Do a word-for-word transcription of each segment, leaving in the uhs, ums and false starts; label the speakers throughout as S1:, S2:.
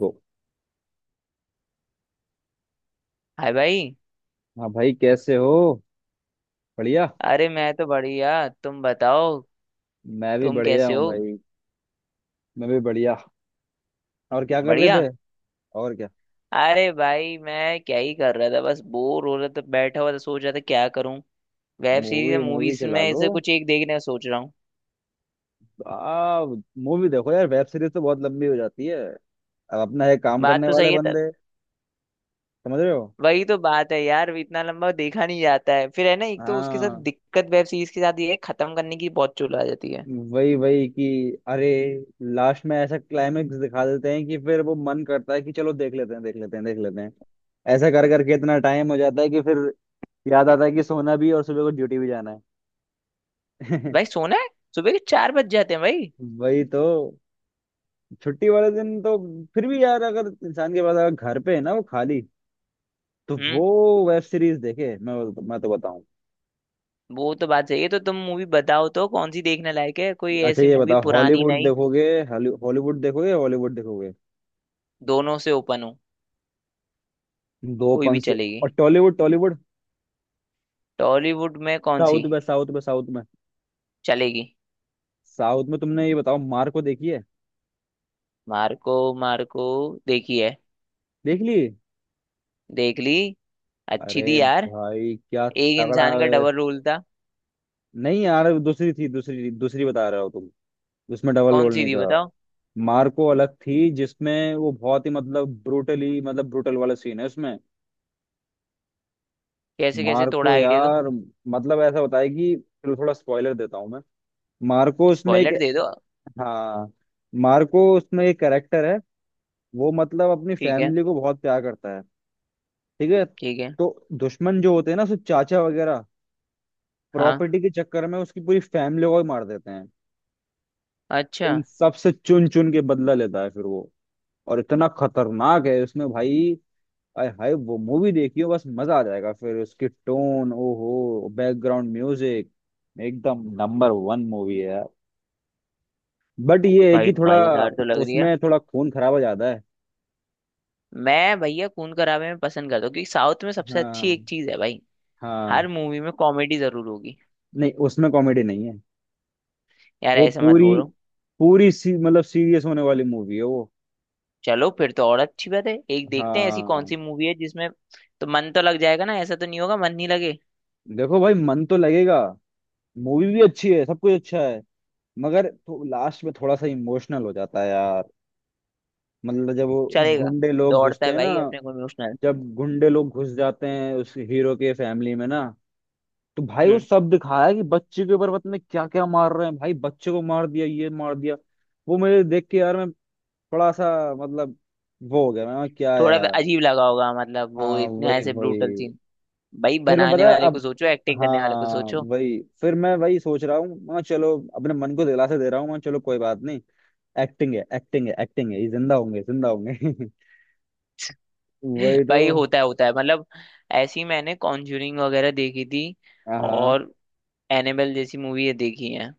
S1: गो।
S2: Hi भाई।
S1: हाँ भाई, कैसे हो? बढ़िया।
S2: अरे मैं तो बढ़िया, तुम बताओ।
S1: मैं भी
S2: तुम
S1: बढ़िया
S2: कैसे
S1: हूँ
S2: हो?
S1: भाई। मैं भी बढ़िया। और क्या कर रहे
S2: बढ़िया।
S1: थे? और क्या।
S2: अरे भाई मैं क्या ही कर रहा था, बस बोर हो रहा था, बैठा हुआ था, सोच रहा था क्या करूं। वेब सीरीज
S1: मूवी
S2: या
S1: मूवी
S2: मूवीज
S1: चला
S2: में
S1: लो।
S2: इसे कुछ एक देखने का सोच रहा हूँ।
S1: आ मूवी देखो यार, वेब सीरीज तो बहुत लंबी हो जाती है। अब अपना है काम
S2: बात
S1: करने
S2: तो
S1: वाले
S2: सही है तर...
S1: बंदे। समझ रहे हो?
S2: वही तो बात है यार, इतना लंबा देखा नहीं जाता है। फिर है ना, एक तो उसके साथ
S1: हाँ,
S2: दिक्कत वेब सीरीज के साथ ये है, खत्म करने की बहुत चुल आ जाती है।
S1: वही वही कि, अरे, लास्ट में ऐसा क्लाइमेक्स दिखा देते हैं कि फिर वो मन करता है कि चलो देख लेते हैं, देख लेते हैं, देख लेते हैं। ऐसा कर करके इतना टाइम हो जाता है कि फिर याद आता है कि सोना भी है और सुबह को ड्यूटी भी जाना है।
S2: भाई सोना है, सुबह के चार बज जाते हैं भाई।
S1: वही तो। छुट्टी वाले दिन तो फिर भी यार, अगर इंसान के पास अगर घर पे है ना वो खाली, तो वो
S2: हम्म।
S1: वेब सीरीज देखे, मैं बोल- मैं तो बताऊं।
S2: वो तो बात सही है। तो तुम मूवी बताओ, तो कौन सी देखने लायक है कोई
S1: अच्छा
S2: ऐसी
S1: ये
S2: मूवी
S1: बताओ,
S2: पुरानी?
S1: हॉलीवुड देखोगे? हॉलीवुड देखोगे? हॉलीवुड देखोगे?
S2: दोनों से ओपन हूँ,
S1: दो
S2: कोई भी
S1: पंच।
S2: चलेगी।
S1: और टॉलीवुड टॉलीवुड।
S2: टॉलीवुड में कौन सी
S1: साउथ में, साउथ में, साउथ में।
S2: चलेगी?
S1: साउथ में तुमने ये बताओ, मार्को देखी है?
S2: मार्को? मार्को देखी है,
S1: देख ली?
S2: देख ली। अच्छी
S1: अरे
S2: थी यार।
S1: भाई क्या
S2: एक
S1: तगड़ा
S2: इंसान का
S1: है।
S2: डबल रोल था।
S1: नहीं यार, दूसरी थी, दूसरी दूसरी बता रहे हो तुम। उसमें डबल
S2: कौन
S1: रोल
S2: सी
S1: नहीं
S2: थी
S1: था।
S2: बताओ?
S1: मार्को अलग थी जिसमें वो बहुत ही मतलब ब्रूटली, मतलब ब्रूटल वाला सीन है उसमें।
S2: कैसे कैसे, थोड़ा
S1: मार्को
S2: आइडिया दो।
S1: यार, मतलब ऐसा बताया कि चलो थोड़ा स्पॉइलर देता हूँ मैं। मार्को उसमें एक,
S2: स्पॉइलर दे दो।
S1: हाँ मार्को उसमें एक कैरेक्टर है, वो मतलब अपनी
S2: ठीक है,
S1: फैमिली को बहुत प्यार करता है। ठीक है।
S2: ठीक है।
S1: तो दुश्मन जो होते हैं ना उसके चाचा वगैरह
S2: हाँ,
S1: प्रॉपर्टी के चक्कर में उसकी पूरी फैमिली को ही मार देते हैं।
S2: अच्छा।
S1: उन सबसे चुन चुन के बदला लेता है फिर वो, और इतना खतरनाक है उसमें भाई। आय हाय वो मूवी देखियो, बस मजा आ जाएगा। फिर उसकी टोन, ओहो, बैकग्राउंड म्यूजिक एकदम नंबर वन मूवी है यार। बट ये है
S2: भाई
S1: कि थोड़ा
S2: मजेदार तो लग रही है।
S1: उसमें थोड़ा खून खराबा ज्यादा है।
S2: मैं भैया खून खराबे में पसंद करता हूँ, क्योंकि साउथ में सबसे अच्छी
S1: हाँ
S2: एक चीज है भाई,
S1: हाँ,
S2: हर मूवी में कॉमेडी जरूर होगी।
S1: नहीं उसमें कॉमेडी नहीं है।
S2: यार
S1: वो
S2: ऐसा मत
S1: पूरी
S2: बोलो।
S1: पूरी सी, मतलब सीरियस होने वाली मूवी है वो।
S2: चलो फिर तो और अच्छी बात है, एक देखते हैं। ऐसी कौन
S1: हाँ,
S2: सी मूवी है जिसमें तो मन तो लग जाएगा ना, ऐसा तो नहीं होगा मन नहीं लगे?
S1: देखो भाई मन तो लगेगा, मूवी भी अच्छी है, सब कुछ अच्छा है। मगर तो लास्ट में थोड़ा सा इमोशनल हो जाता है यार। मतलब जब वो
S2: चलेगा,
S1: गुंडे लोग
S2: दौड़ता
S1: घुसते
S2: है
S1: हैं
S2: भाई,
S1: ना,
S2: अपने को इमोशनल।
S1: जब गुंडे लोग घुस जाते हैं उस हीरो के फैमिली में ना, तो भाई वो
S2: हम्म।
S1: सब दिखाया है कि बच्चे के ऊपर पता नहीं क्या क्या मार रहे हैं भाई, बच्चे को मार दिया, ये मार दिया। वो मुझे देख के यार, मैं थोड़ा सा मतलब वो हो गया, मैं क्या
S2: थोड़ा
S1: यार।
S2: अजीब लगा होगा, मतलब वो
S1: हाँ
S2: इतना
S1: वही
S2: ऐसे ब्रूटल
S1: वही।
S2: सीन। भाई
S1: फिर मैं
S2: बनाने
S1: पता है
S2: वाले को
S1: अब,
S2: सोचो, एक्टिंग करने वाले को
S1: हाँ
S2: सोचो।
S1: वही फिर मैं वही सोच रहा हूँ, मैं चलो अपने मन को दिलासा दे रहा हूँ, मैं चलो कोई बात नहीं, एक्टिंग है, एक्टिंग है, एक्टिंग है, ये जिंदा होंगे, जिंदा होंगे। वही तो।
S2: भाई होता है होता है, मतलब ऐसी मैंने कॉन्जूरिंग वगैरह देखी थी।
S1: हाँ हाँ।
S2: और एनेबेल जैसी मूवी ये देखी है?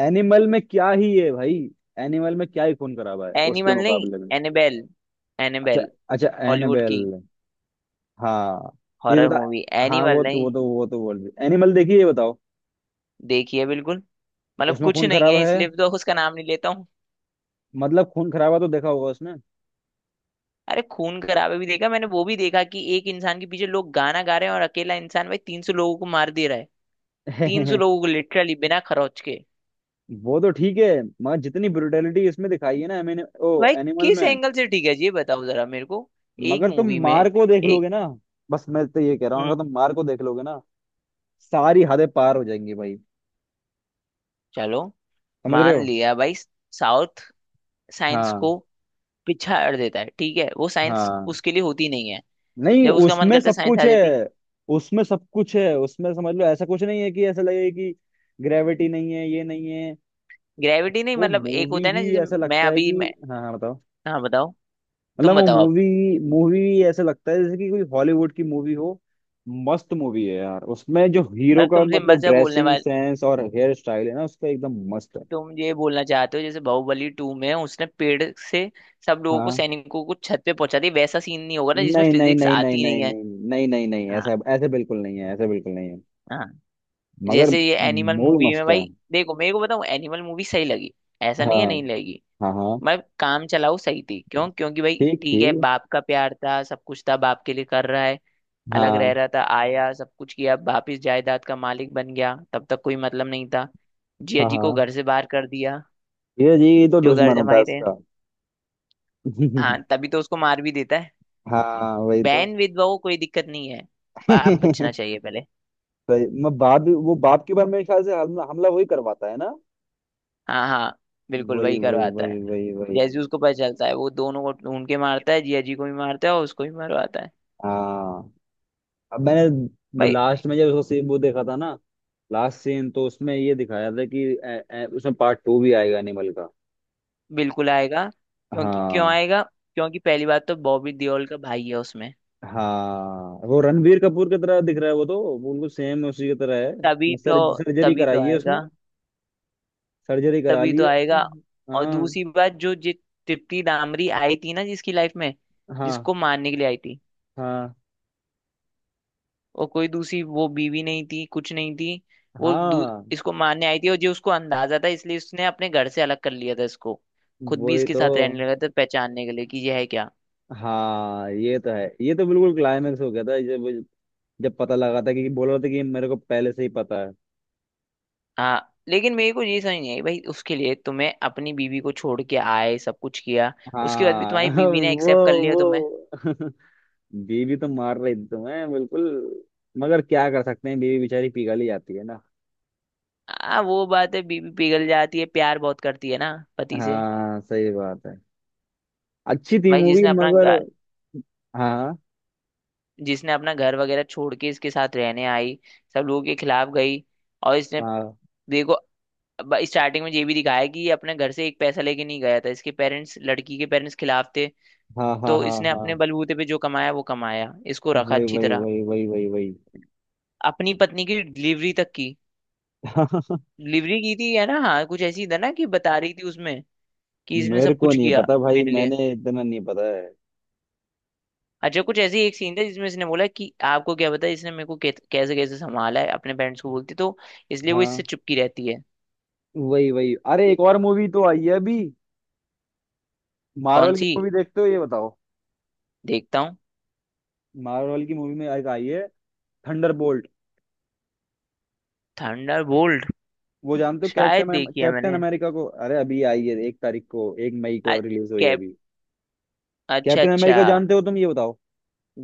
S1: एनिमल में क्या ही है भाई, एनिमल में क्या ही खून खराबा है उसके
S2: एनिमल नहीं,
S1: मुकाबले में।
S2: एनेबेल,
S1: अच्छा,
S2: एनेबेल,
S1: अच्छा
S2: हॉलीवुड
S1: एनाबेल।
S2: की
S1: हाँ ये तो
S2: हॉरर मूवी।
S1: था, हाँ वो
S2: एनिमल
S1: तो वो
S2: नहीं?
S1: तो वो तो बोल रही, एनिमल देखिए ये बताओ।
S2: देखी है बिल्कुल, मतलब
S1: उसमें
S2: कुछ
S1: खून
S2: नहीं है
S1: खराबा है,
S2: इसलिए तो उसका नाम नहीं लेता हूँ।
S1: मतलब खून खराबा तो देखा होगा उसमें।
S2: अरे खून खराबे भी देखा मैंने, वो भी देखा कि एक इंसान के पीछे लोग गाना गा रहे हैं और अकेला इंसान भाई तीन सौ लोगों को मार दे रहा है। तीन सौ लोगों को लिटरली बिना खरोच के।
S1: वो तो ठीक है, मगर जितनी ब्रुटेलिटी इसमें दिखाई है ना मैंने, ओ
S2: भाई
S1: एनिमल
S2: किस
S1: में।
S2: एंगल से ठीक है ये बताओ जरा मेरे को। एक
S1: मगर तुम
S2: मूवी में
S1: मार को देख
S2: एक।
S1: लोगे ना। बस मैं तो ये कह रहा हूँ,
S2: हम्म,
S1: अगर तुम मार को देख लोगे ना, सारी हदें पार हो जाएंगी भाई।
S2: चलो
S1: समझ रहे
S2: मान
S1: हो?
S2: लिया भाई। साउथ, साइंस
S1: हाँ
S2: को पिछाड़ देता है, ठीक है वो। साइंस
S1: हाँ।
S2: उसके लिए होती नहीं है,
S1: नहीं
S2: जब उसका मन
S1: उसमें
S2: करता है
S1: सब
S2: साइंस
S1: कुछ
S2: आ
S1: है,
S2: जाती।
S1: उसमें सब कुछ है, उसमें समझ लो ऐसा कुछ नहीं है कि ऐसा लगे कि ग्रेविटी नहीं है, ये नहीं है।
S2: ग्रेविटी नहीं
S1: वो
S2: मतलब एक
S1: मूवी
S2: होता है ना
S1: ही
S2: जैसे
S1: ऐसा
S2: मैं
S1: लगता है कि,
S2: अभी मैं
S1: हाँ हाँ बताओ।
S2: हाँ बताओ। तुम
S1: मतलब वो
S2: बताओ, आप।
S1: मूवी, मूवी ही ऐसा लगता है जैसे कि कोई हॉलीवुड की मूवी हो। मस्त मूवी है यार, उसमें जो हीरो
S2: मैं
S1: का
S2: तुमसे
S1: मतलब
S2: मजा बोलने
S1: ड्रेसिंग
S2: वाला,
S1: सेंस और हेयर स्टाइल है ना उसका एकदम मस्त है।
S2: तुम ये बोलना चाहते हो जैसे बाहुबली टू में उसने पेड़ से सब लोगों को,
S1: हाँ
S2: सैनिकों को छत पे पहुंचा दिया, वैसा सीन नहीं होगा ना जिसमें
S1: नहीं नहीं
S2: फिजिक्स
S1: नहीं नहीं
S2: आती
S1: नहीं
S2: नहीं है?
S1: नहीं नहीं नहीं नहीं,
S2: हाँ,
S1: ऐसा ऐसे बिल्कुल नहीं है, ऐसे बिल्कुल नहीं है।
S2: हाँ,
S1: मगर
S2: जैसे ये एनिमल
S1: मूवी
S2: मूवी में
S1: मस्त है।
S2: भाई। देखो मेरे को बताऊं, एनिमल मूवी सही लगी, ऐसा नहीं है
S1: हाँ
S2: नहीं लगी।
S1: हाँ हाँ,
S2: मैं काम चलाऊ सही थी, क्यों? क्योंकि भाई
S1: ठीक थी।
S2: ठीक है, बाप का प्यार था, सब कुछ था, बाप के लिए कर रहा है। अलग
S1: हाँ
S2: रह रहा था, आया, सब कुछ किया, वापिस जायदाद का मालिक बन गया, तब तक कोई मतलब नहीं था। जिया
S1: हाँ
S2: जी को
S1: हाँ,
S2: घर से बाहर कर दिया,
S1: ये जी ये तो
S2: जो घर
S1: दुश्मन होता है
S2: जमाए थे।
S1: उसका।
S2: हाँ तभी तो उसको मार भी देता है।
S1: हाँ वही तो।
S2: बैन विधवा को कोई दिक्कत नहीं है, बाप बचना चाहिए पहले।
S1: सही, मैं बाप भी वो बाप के बारे में मेरे ख्याल से हमला हमला वही करवाता है ना।
S2: हाँ हाँ, बिल्कुल
S1: वही
S2: वही
S1: वही
S2: करवाता
S1: वही
S2: है।
S1: वही वही।
S2: जैसे ही उसको पता चलता है वो दोनों को ढूंढ के मारता है, जिया जी को भी मारता है और उसको भी मारवाता है।
S1: हाँ अब मैंने, वो
S2: भाई
S1: लास्ट में जब उसको सीन वो देखा था ना, लास्ट सीन तो उसमें ये दिखाया था कि ए, ए, उसमें पार्ट टू भी आएगा एनिमल का।
S2: बिल्कुल आएगा। क्योंकि क्यों
S1: हाँ
S2: आएगा? क्योंकि पहली बात तो बॉबी देओल का भाई है उसमें,
S1: हाँ, वो रणबीर कपूर की तरह दिख रहा है, वो तो वो बिल्कुल सेम उसी की तरह
S2: तभी
S1: है,
S2: तो,
S1: सर सर्जरी
S2: तभी तो
S1: कराई है उसने,
S2: आएगा,
S1: सर्जरी करा
S2: तभी
S1: ली
S2: तो
S1: है उसने।
S2: आएगा। और
S1: हाँ
S2: दूसरी बात, जो जि- तृप्ति दामरी आई थी ना जिसकी लाइफ में,
S1: हाँ
S2: जिसको मारने के लिए आई थी,
S1: हाँ
S2: और कोई दूसरी वो बीवी नहीं थी, कुछ नहीं थी। वो दू,
S1: हाँ
S2: इसको मारने आई थी, और जो उसको अंदाजा था इसलिए उसने अपने घर से अलग कर लिया था इसको। खुद भी
S1: वही
S2: इसके
S1: तो।
S2: साथ रहने लगा था, पहचानने के लिए कि ये है क्या।
S1: हाँ ये तो है, ये तो बिल्कुल क्लाइमेक्स हो गया था जब, जब पता लगा था कि बोल रहा था कि मेरे को पहले से ही पता है।
S2: हाँ, लेकिन मेरे को ये समझ नहीं आई भाई, उसके लिए तुम्हें अपनी बीवी को छोड़ के आए, सब कुछ किया, उसके बाद भी
S1: हाँ
S2: तुम्हारी बीवी ने एक्सेप्ट कर
S1: वो
S2: लिया तुम्हें।
S1: वो। बीवी तो मार रही थी तुम्हें बिल्कुल, मगर क्या कर सकते हैं बीवी बेचारी पिघल ही जाती है ना।
S2: हाँ वो बात है, बीवी पिघल जाती है, प्यार बहुत करती है ना पति से।
S1: हाँ सही बात है, अच्छी थी
S2: भाई
S1: मूवी
S2: जिसने अपना
S1: मगर।
S2: गा-
S1: हाँ
S2: जिसने अपना घर वगैरह छोड़ के इसके साथ रहने आई, सब लोगों के खिलाफ गई, और इसने
S1: हाँ
S2: देखो, अब स्टार्टिंग में ये भी दिखाया है कि ये अपने घर से एक पैसा लेके नहीं गया था, इसके पेरेंट्स, लड़की के पेरेंट्स खिलाफ थे।
S1: हाँ हाँ
S2: तो
S1: हाँ
S2: इसने अपने
S1: हाँ।
S2: बलबूते पे जो कमाया वो कमाया, इसको रखा
S1: वही
S2: अच्छी
S1: वही
S2: तरह,
S1: वही वही वही
S2: अपनी पत्नी की डिलीवरी तक की।
S1: वही।
S2: डिलीवरी की थी है ना, हाँ कुछ ऐसी था ना, कि बता रही थी उसमें कि इसने
S1: मेरे
S2: सब
S1: को
S2: कुछ
S1: नहीं
S2: किया
S1: पता भाई,
S2: मेरे लिए।
S1: मैंने इतना नहीं पता है।
S2: अच्छा कुछ ऐसी एक सीन था जिसमें इसने बोला कि आपको क्या पता इसने मेरे को कैसे कैसे कैसे संभाला है, अपने पेरेंट्स को बोलती तो, इसलिए वो इससे
S1: हाँ
S2: चुपकी रहती है।
S1: वही वही। अरे एक और मूवी तो आई है अभी,
S2: कौन
S1: मार्वल की
S2: सी?
S1: मूवी देखते हो ये बताओ?
S2: देखता हूँ।
S1: मार्वल की मूवी में एक आई है, थंडरबोल्ट।
S2: Thunder bolt.
S1: वो जानते हो,
S2: शायद
S1: कैप्टन
S2: देखी है
S1: कैप्टन
S2: मैंने,
S1: अमेरिका को, अरे अभी आई है, एक तारीख को, एक मई को रिलीज हुई है अभी।
S2: अच्छा
S1: कैप्टन
S2: अच्छा।
S1: अमेरिका जानते हो तुम ये बताओ?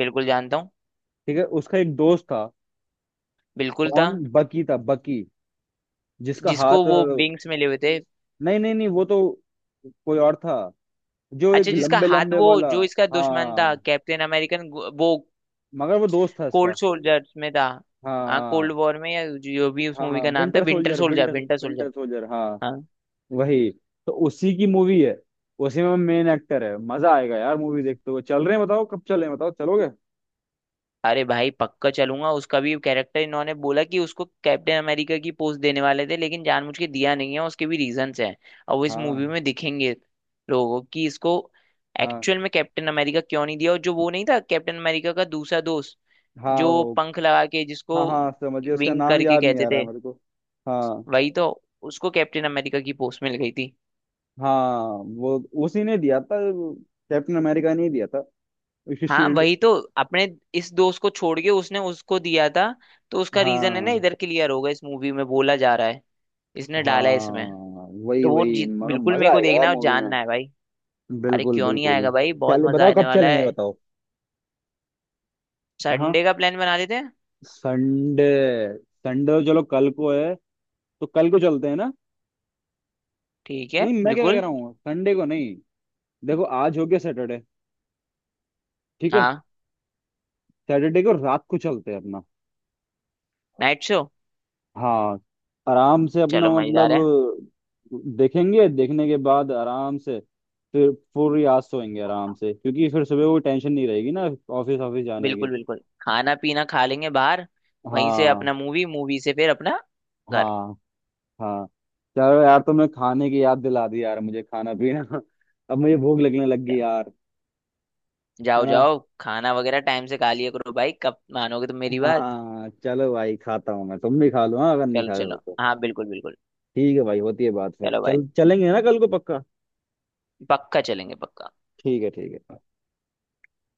S2: बिल्कुल जानता हूँ।
S1: ठीक है, उसका एक दोस्त था,
S2: बिल्कुल था।
S1: कौन बकी था, बकी, जिसका
S2: जिसको
S1: हाथ अ,
S2: वो विंग्स मिले हुए थे।
S1: नहीं नहीं नहीं वो तो कोई और था, जो एक
S2: अच्छा जिसका
S1: लंबे
S2: हाथ,
S1: लंबे
S2: वो
S1: वाला।
S2: जो इसका दुश्मन था
S1: हाँ
S2: कैप्टन अमेरिकन, वो
S1: मगर वो दोस्त था इसका।
S2: कोल्ड सोल्जर में था।
S1: हाँ
S2: हाँ,
S1: हाँ।
S2: कोल्ड वॉर में या जो भी उस मूवी
S1: हाँ
S2: का नाम था,
S1: winter
S2: winter
S1: soldier,
S2: soldier,
S1: winter,
S2: winter soldier.
S1: Winter soldier हाँ।
S2: हाँ।
S1: वही, तो उसी की मूवी है, उसी में मेन एक्टर है, मजा आएगा यार मूवी देखते हुए। चल रहे हैं बताओ, कब चल रहे हैं बताओ, चलोगे?
S2: अरे भाई पक्का चलूंगा। उसका भी कैरेक्टर इन्होंने बोला कि उसको कैप्टन अमेरिका की पोस्ट देने वाले थे, लेकिन जानबूझ के दिया नहीं है, उसके भी रीजंस हैं, और वो इस
S1: हाँ
S2: मूवी में दिखेंगे लोगों को, कि इसको
S1: हाँ
S2: एक्चुअल में कैप्टन अमेरिका क्यों नहीं दिया। और जो वो नहीं था कैप्टन अमेरिका का दूसरा दोस्त,
S1: हाँ,
S2: जो
S1: वो
S2: पंख लगा के,
S1: हाँ
S2: जिसको
S1: हाँ समझ गया, उसका
S2: विंग
S1: नाम
S2: करके
S1: याद नहीं
S2: कहते
S1: आ रहा
S2: थे,
S1: है मेरे को। हाँ
S2: वही तो, उसको कैप्टन अमेरिका की पोस्ट मिल गई थी।
S1: हाँ वो, उसी ने दिया था, कैप्टन अमेरिका ने ही दिया था उसकी
S2: हाँ
S1: शील्ड।
S2: वही तो, अपने इस दोस्त को छोड़ के उसने उसको दिया था। तो उसका रीजन है ना,
S1: हाँ
S2: इधर क्लियर होगा इस मूवी में, बोला जा रहा है इसने डाला है इसमें।
S1: हाँ वही
S2: तो वो
S1: वही,
S2: जी
S1: मगर
S2: बिल्कुल,
S1: मजा
S2: मेरे को
S1: आएगा
S2: देखना
S1: यार
S2: है और
S1: मूवी में।
S2: जानना है भाई। अरे
S1: बिल्कुल
S2: क्यों नहीं
S1: बिल्कुल।
S2: आएगा भाई, बहुत
S1: चल
S2: मजा
S1: बताओ
S2: आने
S1: कब
S2: वाला
S1: चलें ये
S2: है।
S1: बताओ। हाँ।
S2: संडे का प्लान बना लेते हैं।
S1: संडे, संडे चलो कल को है, तो कल को चलते हैं ना?
S2: ठीक है
S1: नहीं मैं क्या कह
S2: बिल्कुल।
S1: रहा हूँ, संडे को नहीं, देखो आज हो गया सैटरडे, ठीक है?
S2: हाँ,
S1: सैटरडे को रात को चलते हैं अपना।
S2: Night show.
S1: हाँ, आराम से अपना
S2: चलो मजेदार है।
S1: मतलब देखेंगे, देखने के बाद आराम से फिर पूरी रात सोएंगे आराम से क्योंकि फिर सुबह वो टेंशन नहीं रहेगी ना, ऑफिस ऑफिस जाने की।
S2: बिल्कुल बिल्कुल, खाना पीना खा लेंगे बाहर, वहीं से अपना
S1: हाँ
S2: मूवी, मूवी से फिर अपना घर।
S1: हाँ। हाँ चलो यार, तुमने खाने की याद दिला दी यार, मुझे खाना पीना अब मुझे भूख लगने लग गई
S2: जाओ,
S1: यार। है
S2: जाओ
S1: ना।
S2: जाओ, खाना वगैरह टाइम से खा लिया करो भाई, कब मानोगे तुम मेरी बात?
S1: हाँ चलो भाई, खाता हूँ मैं, तुम भी खा लो, हाँ अगर नहीं
S2: चलो
S1: खा रहे
S2: चलो,
S1: हो तो।
S2: हाँ बिल्कुल बिल्कुल।
S1: ठीक है भाई, होती है बात, फिर
S2: चलो भाई,
S1: चल चलेंगे ना कल को पक्का।
S2: पक्का चलेंगे, पक्का।
S1: ठीक है, ठीक है।